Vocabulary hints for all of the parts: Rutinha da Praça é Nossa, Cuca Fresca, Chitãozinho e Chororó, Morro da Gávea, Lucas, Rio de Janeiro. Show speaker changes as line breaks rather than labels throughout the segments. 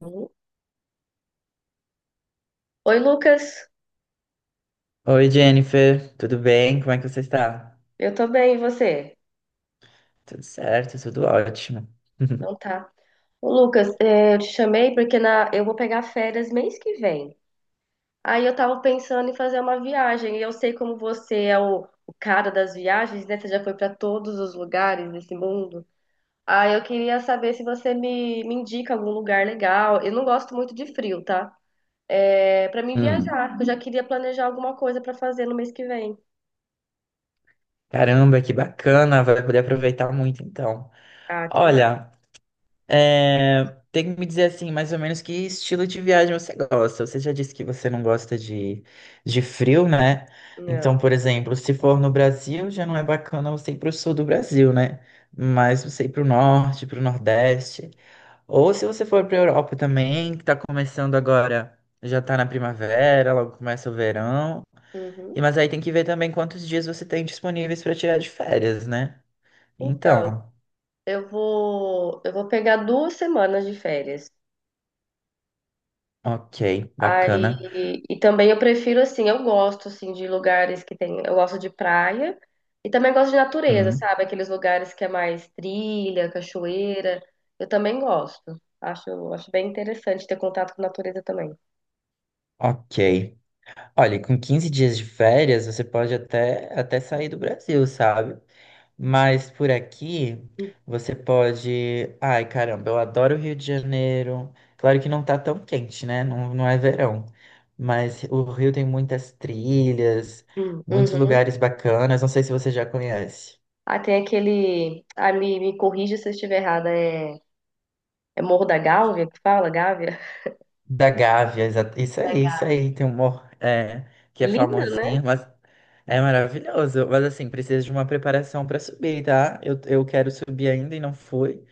Lu- Oi, Lucas.
Oi, Jennifer, tudo bem? Como é que você está?
Eu tô bem, e você?
Tudo certo, tudo ótimo.
Então tá. Ô, Lucas, eu te chamei porque eu vou pegar férias mês que vem. Aí eu tava pensando em fazer uma viagem. E eu sei como você é o cara das viagens, né? Você já foi pra todos os lugares desse mundo. Aí eu queria saber se você me indica algum lugar legal. Eu não gosto muito de frio, tá? Para mim
Hum,
viajar. Eu já queria planejar alguma coisa pra fazer no mês que vem.
Caramba, que bacana, vai poder aproveitar muito então.
Ah, tomara.
Olha, é, tem que me dizer assim, mais ou menos que estilo de viagem você gosta. Você já disse que você não gosta de frio, né?
Não.
Então, por exemplo, se for no Brasil, já não é bacana você ir para o sul do Brasil, né? Mas você ir para o norte, para o nordeste. Ou se você for para Europa também, que tá começando agora, já tá na primavera, logo começa o verão. E
Uhum.
mas aí tem que ver também quantos dias você tem disponíveis para tirar de férias, né?
Então,
Então,
eu vou pegar 2 semanas de férias.
ok, bacana.
Aí, e também eu prefiro assim, eu gosto assim de lugares que tem, eu gosto de praia e também gosto de natureza,
Hum,
sabe? Aqueles lugares que é mais trilha, cachoeira. Eu também gosto. Acho bem interessante ter contato com a natureza também.
ok. Olha, com 15 dias de férias, você pode até sair do Brasil, sabe? Mas por aqui você pode. Ai, caramba, eu adoro o Rio de Janeiro. Claro que não tá tão quente, né? Não, não é verão. Mas o Rio tem muitas trilhas, muitos
Uhum.
lugares bacanas. Não sei se você já conhece.
Ah, tem aquele, me corrija se eu estiver errada, é Morro da Gávea que fala, Gávea?
Da Gávea, isso
Da
aí, isso
Gávea.
aí. Tem um morro que é
Lindo, né?
famosinho, mas é maravilhoso. Mas assim, precisa de uma preparação para subir, tá? Eu quero subir ainda e não fui.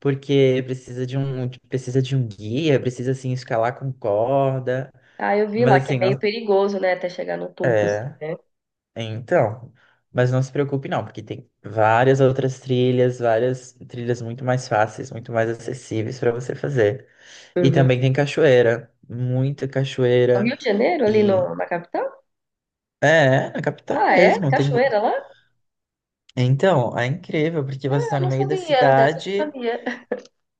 Porque precisa de um guia, precisa assim escalar com corda,
Ah, eu vi lá
mas
que é
assim,
meio
não,
perigoso, né? Até chegar no topo, assim,
é,
né?
então, mas não se preocupe não, porque tem várias outras trilhas, várias trilhas muito mais fáceis, muito mais acessíveis para você fazer. E
Uhum.
também tem cachoeira, muita
No Rio
cachoeira
de Janeiro, ali
e
no, na capital?
é, na capital
Ah, é?
mesmo, tem.
Cachoeira lá? Ah,
Então, é incrível, porque você está no
não
meio da
sabia. Dessa eu não
cidade.
sabia.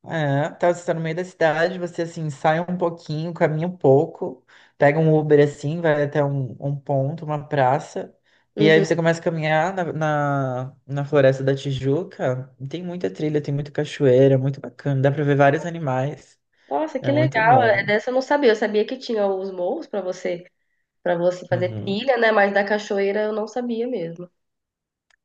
É, tá, você tá no meio da cidade, você assim, sai um pouquinho, caminha um pouco, pega um Uber assim, vai até um, um ponto, uma praça, e aí
Uhum.
você começa a caminhar na Floresta da Tijuca. E tem muita trilha, tem muita cachoeira, muito bacana, dá pra ver vários animais,
Nossa,
é
que
muito
legal. É,
bom.
dessa eu não sabia. Eu sabia que tinha os morros para você fazer
Uhum.
trilha, né? Mas da cachoeira eu não sabia mesmo.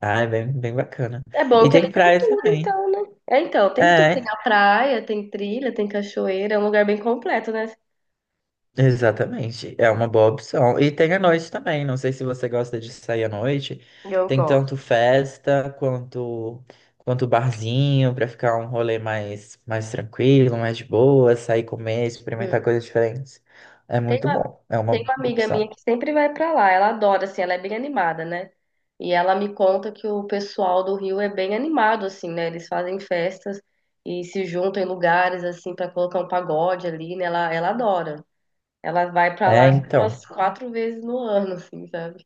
Ah, é bem, bem bacana.
É bom
E
que ele
tem
tem
praia
tudo,
também.
então, né? É, então, tem tudo. Tem a
É,
praia, tem trilha, tem cachoeira. É um lugar bem completo, né?
exatamente, é uma boa opção. E tem à noite também, não sei se você gosta de sair à noite.
Eu
Tem
gosto.
tanto festa quanto barzinho para ficar um rolê mais tranquilo, mais de boa, sair comer,
Hum.
experimentar coisas diferentes. É
Tem
muito bom, é
Tem
uma
uma amiga minha
opção.
que sempre vai pra lá, ela adora, assim, ela é bem animada, né? E ela me conta que o pessoal do Rio é bem animado, assim, né? Eles fazem festas e se juntam em lugares, assim, pra colocar um pagode ali, né? Ela adora. Ela vai pra lá
É,
acho que
então,
umas quatro vezes no ano, assim, sabe?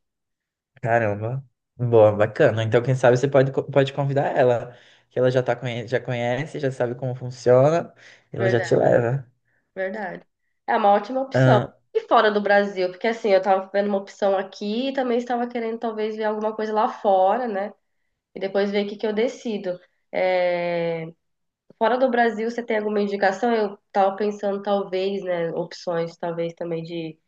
caramba. Boa, bacana. Então, quem sabe você pode pode convidar ela, que ela já conhece, já sabe como funciona, e ela já te
Verdade.
leva.
Verdade. É uma ótima opção. E fora do Brasil, porque assim, eu tava vendo uma opção aqui e também estava querendo talvez ver alguma coisa lá fora, né? E depois ver o que que eu decido. É, fora do Brasil, você tem alguma indicação? Eu tava pensando talvez, né, opções talvez também de,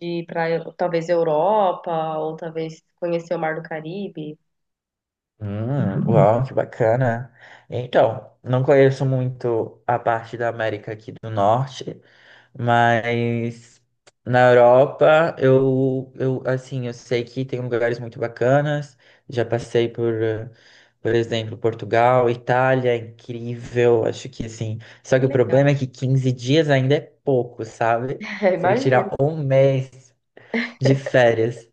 de ir para talvez Europa ou talvez conhecer o Mar do Caribe.
Uau, que bacana. Então, não conheço muito a parte da América aqui do Norte, mas na Europa eu assim, eu sei que tem lugares muito bacanas. Já passei por, por exemplo, Portugal, Itália, é incrível. Acho que assim. Só
Que
que o
legal.
problema é que 15 dias ainda é pouco, sabe? Teria que tirar
Imagino.
um mês de férias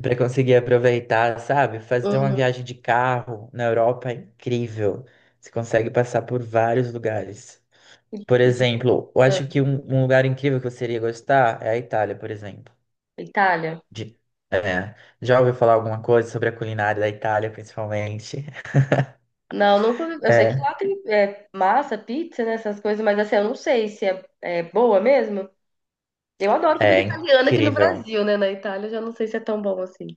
para conseguir aproveitar, sabe? Fazer uma
Uhum.
viagem de carro na Europa é incrível. Você consegue passar por vários lugares. Por
E dizem-
exemplo, eu
ah,
acho que um lugar incrível que você iria gostar é a Itália, por exemplo.
Itália.
De- já ouviu falar alguma coisa sobre a culinária da Itália, principalmente?
Não, nunca. Eu sei que
É,
lá tem massa, pizza, né, essas coisas, mas assim, eu não sei se é boa mesmo. Eu adoro comida
é
italiana aqui no
incrível.
Brasil, né? Na Itália, eu já não sei se é tão bom assim.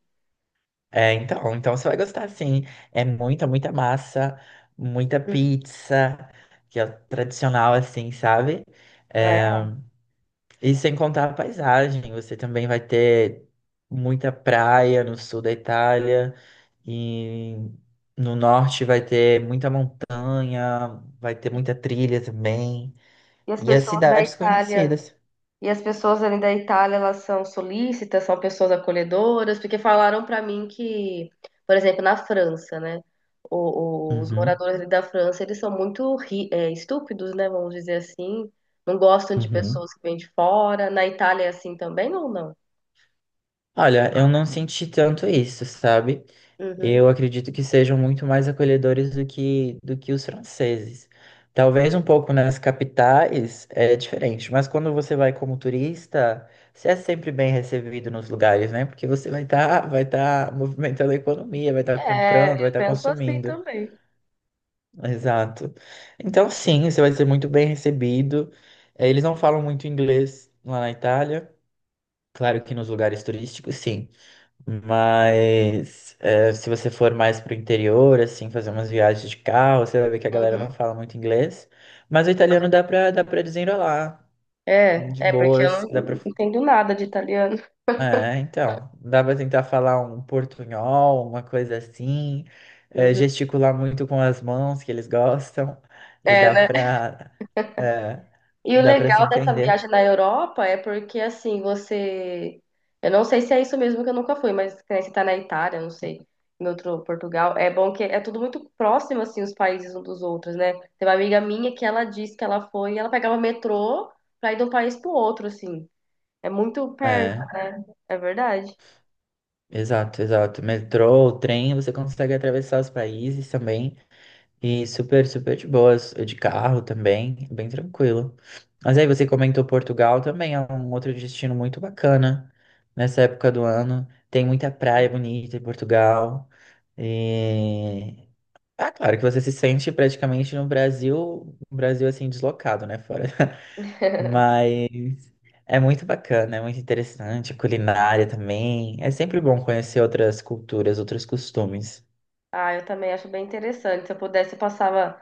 É, então, então você vai gostar sim. É muita, muita massa, muita
Hum.
pizza, que é tradicional assim, sabe?
Ah,
É,
é?
e sem contar a paisagem, você também vai ter muita praia no sul da Itália e no norte vai ter muita montanha, vai ter muita trilha também
E as
e as
pessoas da
cidades
Itália,
conhecidas.
e as pessoas ali da Itália, elas são solícitas, são pessoas acolhedoras, porque falaram pra mim que, por exemplo, na França, né? os
Uhum,
moradores ali da França, eles são muito estúpidos, né? Vamos dizer assim. Não gostam de
uhum.
pessoas que vêm de fora. Na Itália é assim também ou não?
Olha, eu não senti tanto isso, sabe?
Uhum.
Eu acredito que sejam muito mais acolhedores do que os franceses. Talvez um pouco nas capitais é diferente, mas quando você vai como turista, você é sempre bem recebido nos lugares, né? Porque você vai estar vai tá movimentando a economia, vai estar comprando,
É,
vai
eu
estar
penso assim
consumindo.
também.
Exato. Então, sim, você vai ser muito bem recebido. Eles não falam muito inglês lá na Itália. Claro que nos lugares turísticos, sim. Mas é, se você for mais pro interior, assim, fazer umas viagens de carro, você vai ver que a galera
Uhum.
não fala muito inglês. Mas o italiano dá pra desenrolar,
É,
de
é porque eu
boas,
não
dá pra...
não entendo nada de italiano.
É, então, dá pra tentar falar um portunhol, uma coisa assim, é,
Uhum.
gesticular muito com as mãos, que eles gostam, e
É,
dá
né?
pra, é,
E o
dá pra se
legal dessa
entender.
viagem na Europa é porque assim, você. Eu não sei se é isso mesmo que eu nunca fui, mas que nem você tá na Itália, eu não sei, em outro Portugal. É bom que é tudo muito próximo, assim, os países uns dos outros, né? Tem uma amiga minha que ela disse que ela foi e ela pegava metrô pra ir de um país pro outro, assim. É muito perto,
É,
né? É verdade.
exato, exato. Metrô, trem, você consegue atravessar os países também. E super, super de boas, de carro também, bem tranquilo. Mas aí você comentou Portugal também, é um outro destino muito bacana nessa época do ano. Tem muita praia bonita em Portugal. E... Ah, claro que você se sente praticamente no Brasil, assim, deslocado, né, fora. Mas é muito bacana, é muito interessante, a culinária também. É sempre bom conhecer outras culturas, outros costumes.
Ah, eu também acho bem interessante. Se eu pudesse, eu passava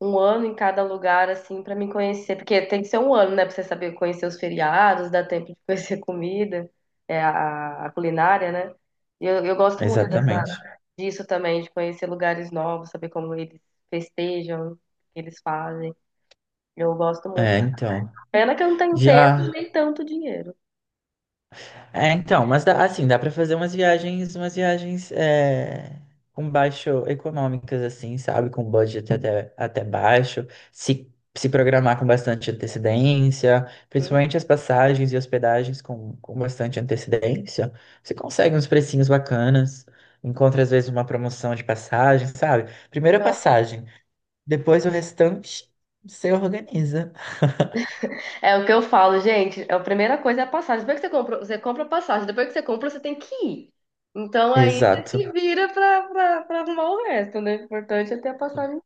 um ano em cada lugar, assim, pra me conhecer. Porque tem que ser um ano, né? Pra você saber conhecer os feriados, dar tempo de conhecer a comida, a culinária, né? E eu gosto muito dessa,
Exatamente.
disso também, de conhecer lugares novos, saber como eles festejam, o que eles fazem. Eu gosto muito.
É, então.
Pena que eu não tenho tempo
Já
nem tanto dinheiro.
é, então, mas assim, dá pra fazer umas viagens, com baixo econômicas, assim, sabe? Com budget até baixo, se programar com bastante antecedência,
Né?
principalmente as passagens e hospedagens com bastante antecedência, você consegue uns precinhos bacanas, encontra às vezes uma promoção de passagem, sabe? Primeira passagem, depois o restante você organiza.
É o que eu falo, gente. A primeira coisa é a passagem. Depois que você compra a passagem. Depois que você compra, você tem que ir. Então aí você se
Exato.
vira pra arrumar o resto, né? O importante é ter a passagem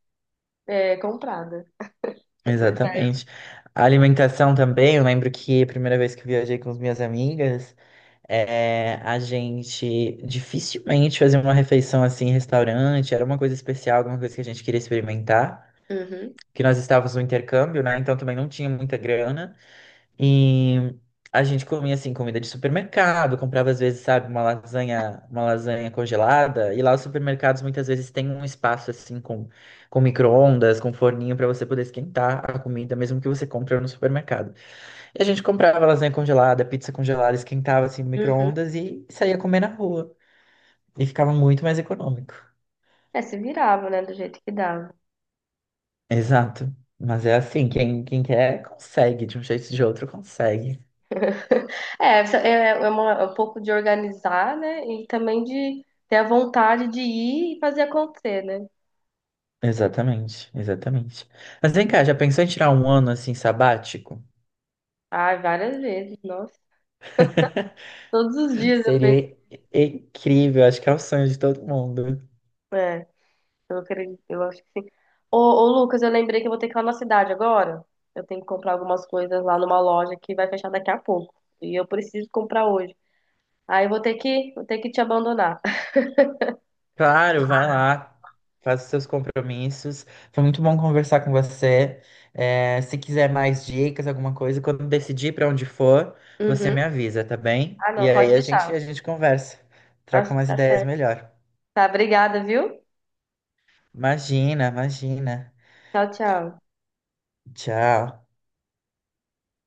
comprada. Mas,
Exatamente. A alimentação também, eu lembro que a primeira vez que eu viajei com as minhas amigas, a gente dificilmente fazia uma refeição assim em restaurante, era uma coisa especial, alguma coisa que a gente queria experimentar,
uhum,
que nós estávamos no intercâmbio, né? Então também não tinha muita grana. E a gente comia assim comida de supermercado, comprava às vezes, sabe, uma lasanha congelada, e lá os supermercados muitas vezes têm um espaço assim com micro-ondas, com forninho para você poder esquentar a comida mesmo que você compra no supermercado. E a gente comprava lasanha congelada, pizza congelada, esquentava assim no
uhum.
micro-ondas e saía comer na rua. E ficava muito mais econômico.
É, se virava, né? Do jeito que dava.
Exato. Mas é assim, quem quer consegue, de um jeito ou de outro consegue.
É, isso é um pouco de organizar, né? E também de ter a vontade de ir e fazer acontecer, né?
Exatamente, exatamente. Mas vem cá, já pensou em tirar um ano assim sabático?
Ai, várias vezes, nossa. Todos os dias eu penso.
Seria incrível, acho que é o sonho de todo mundo.
é, Eu acredito, eu acho que sim. Ô, Lucas, eu lembrei que eu vou ter que ir lá na cidade agora. Eu tenho que comprar algumas coisas lá numa loja que vai fechar daqui a pouco. E eu preciso comprar hoje. Aí eu vou ter que, te abandonar.
Claro, vai lá, faz os seus compromissos. Foi muito bom conversar com você. É, se quiser mais dicas, alguma coisa, quando decidir para onde for, você
Uhum.
me avisa, tá bem?
Ah,
E
não, pode
aí
deixar.
a gente conversa, troca
Tá,
umas
tá
ideias
certo.
melhor.
Tá, obrigada, viu?
Imagina, imagina.
Tchau, tchau.
Tchau.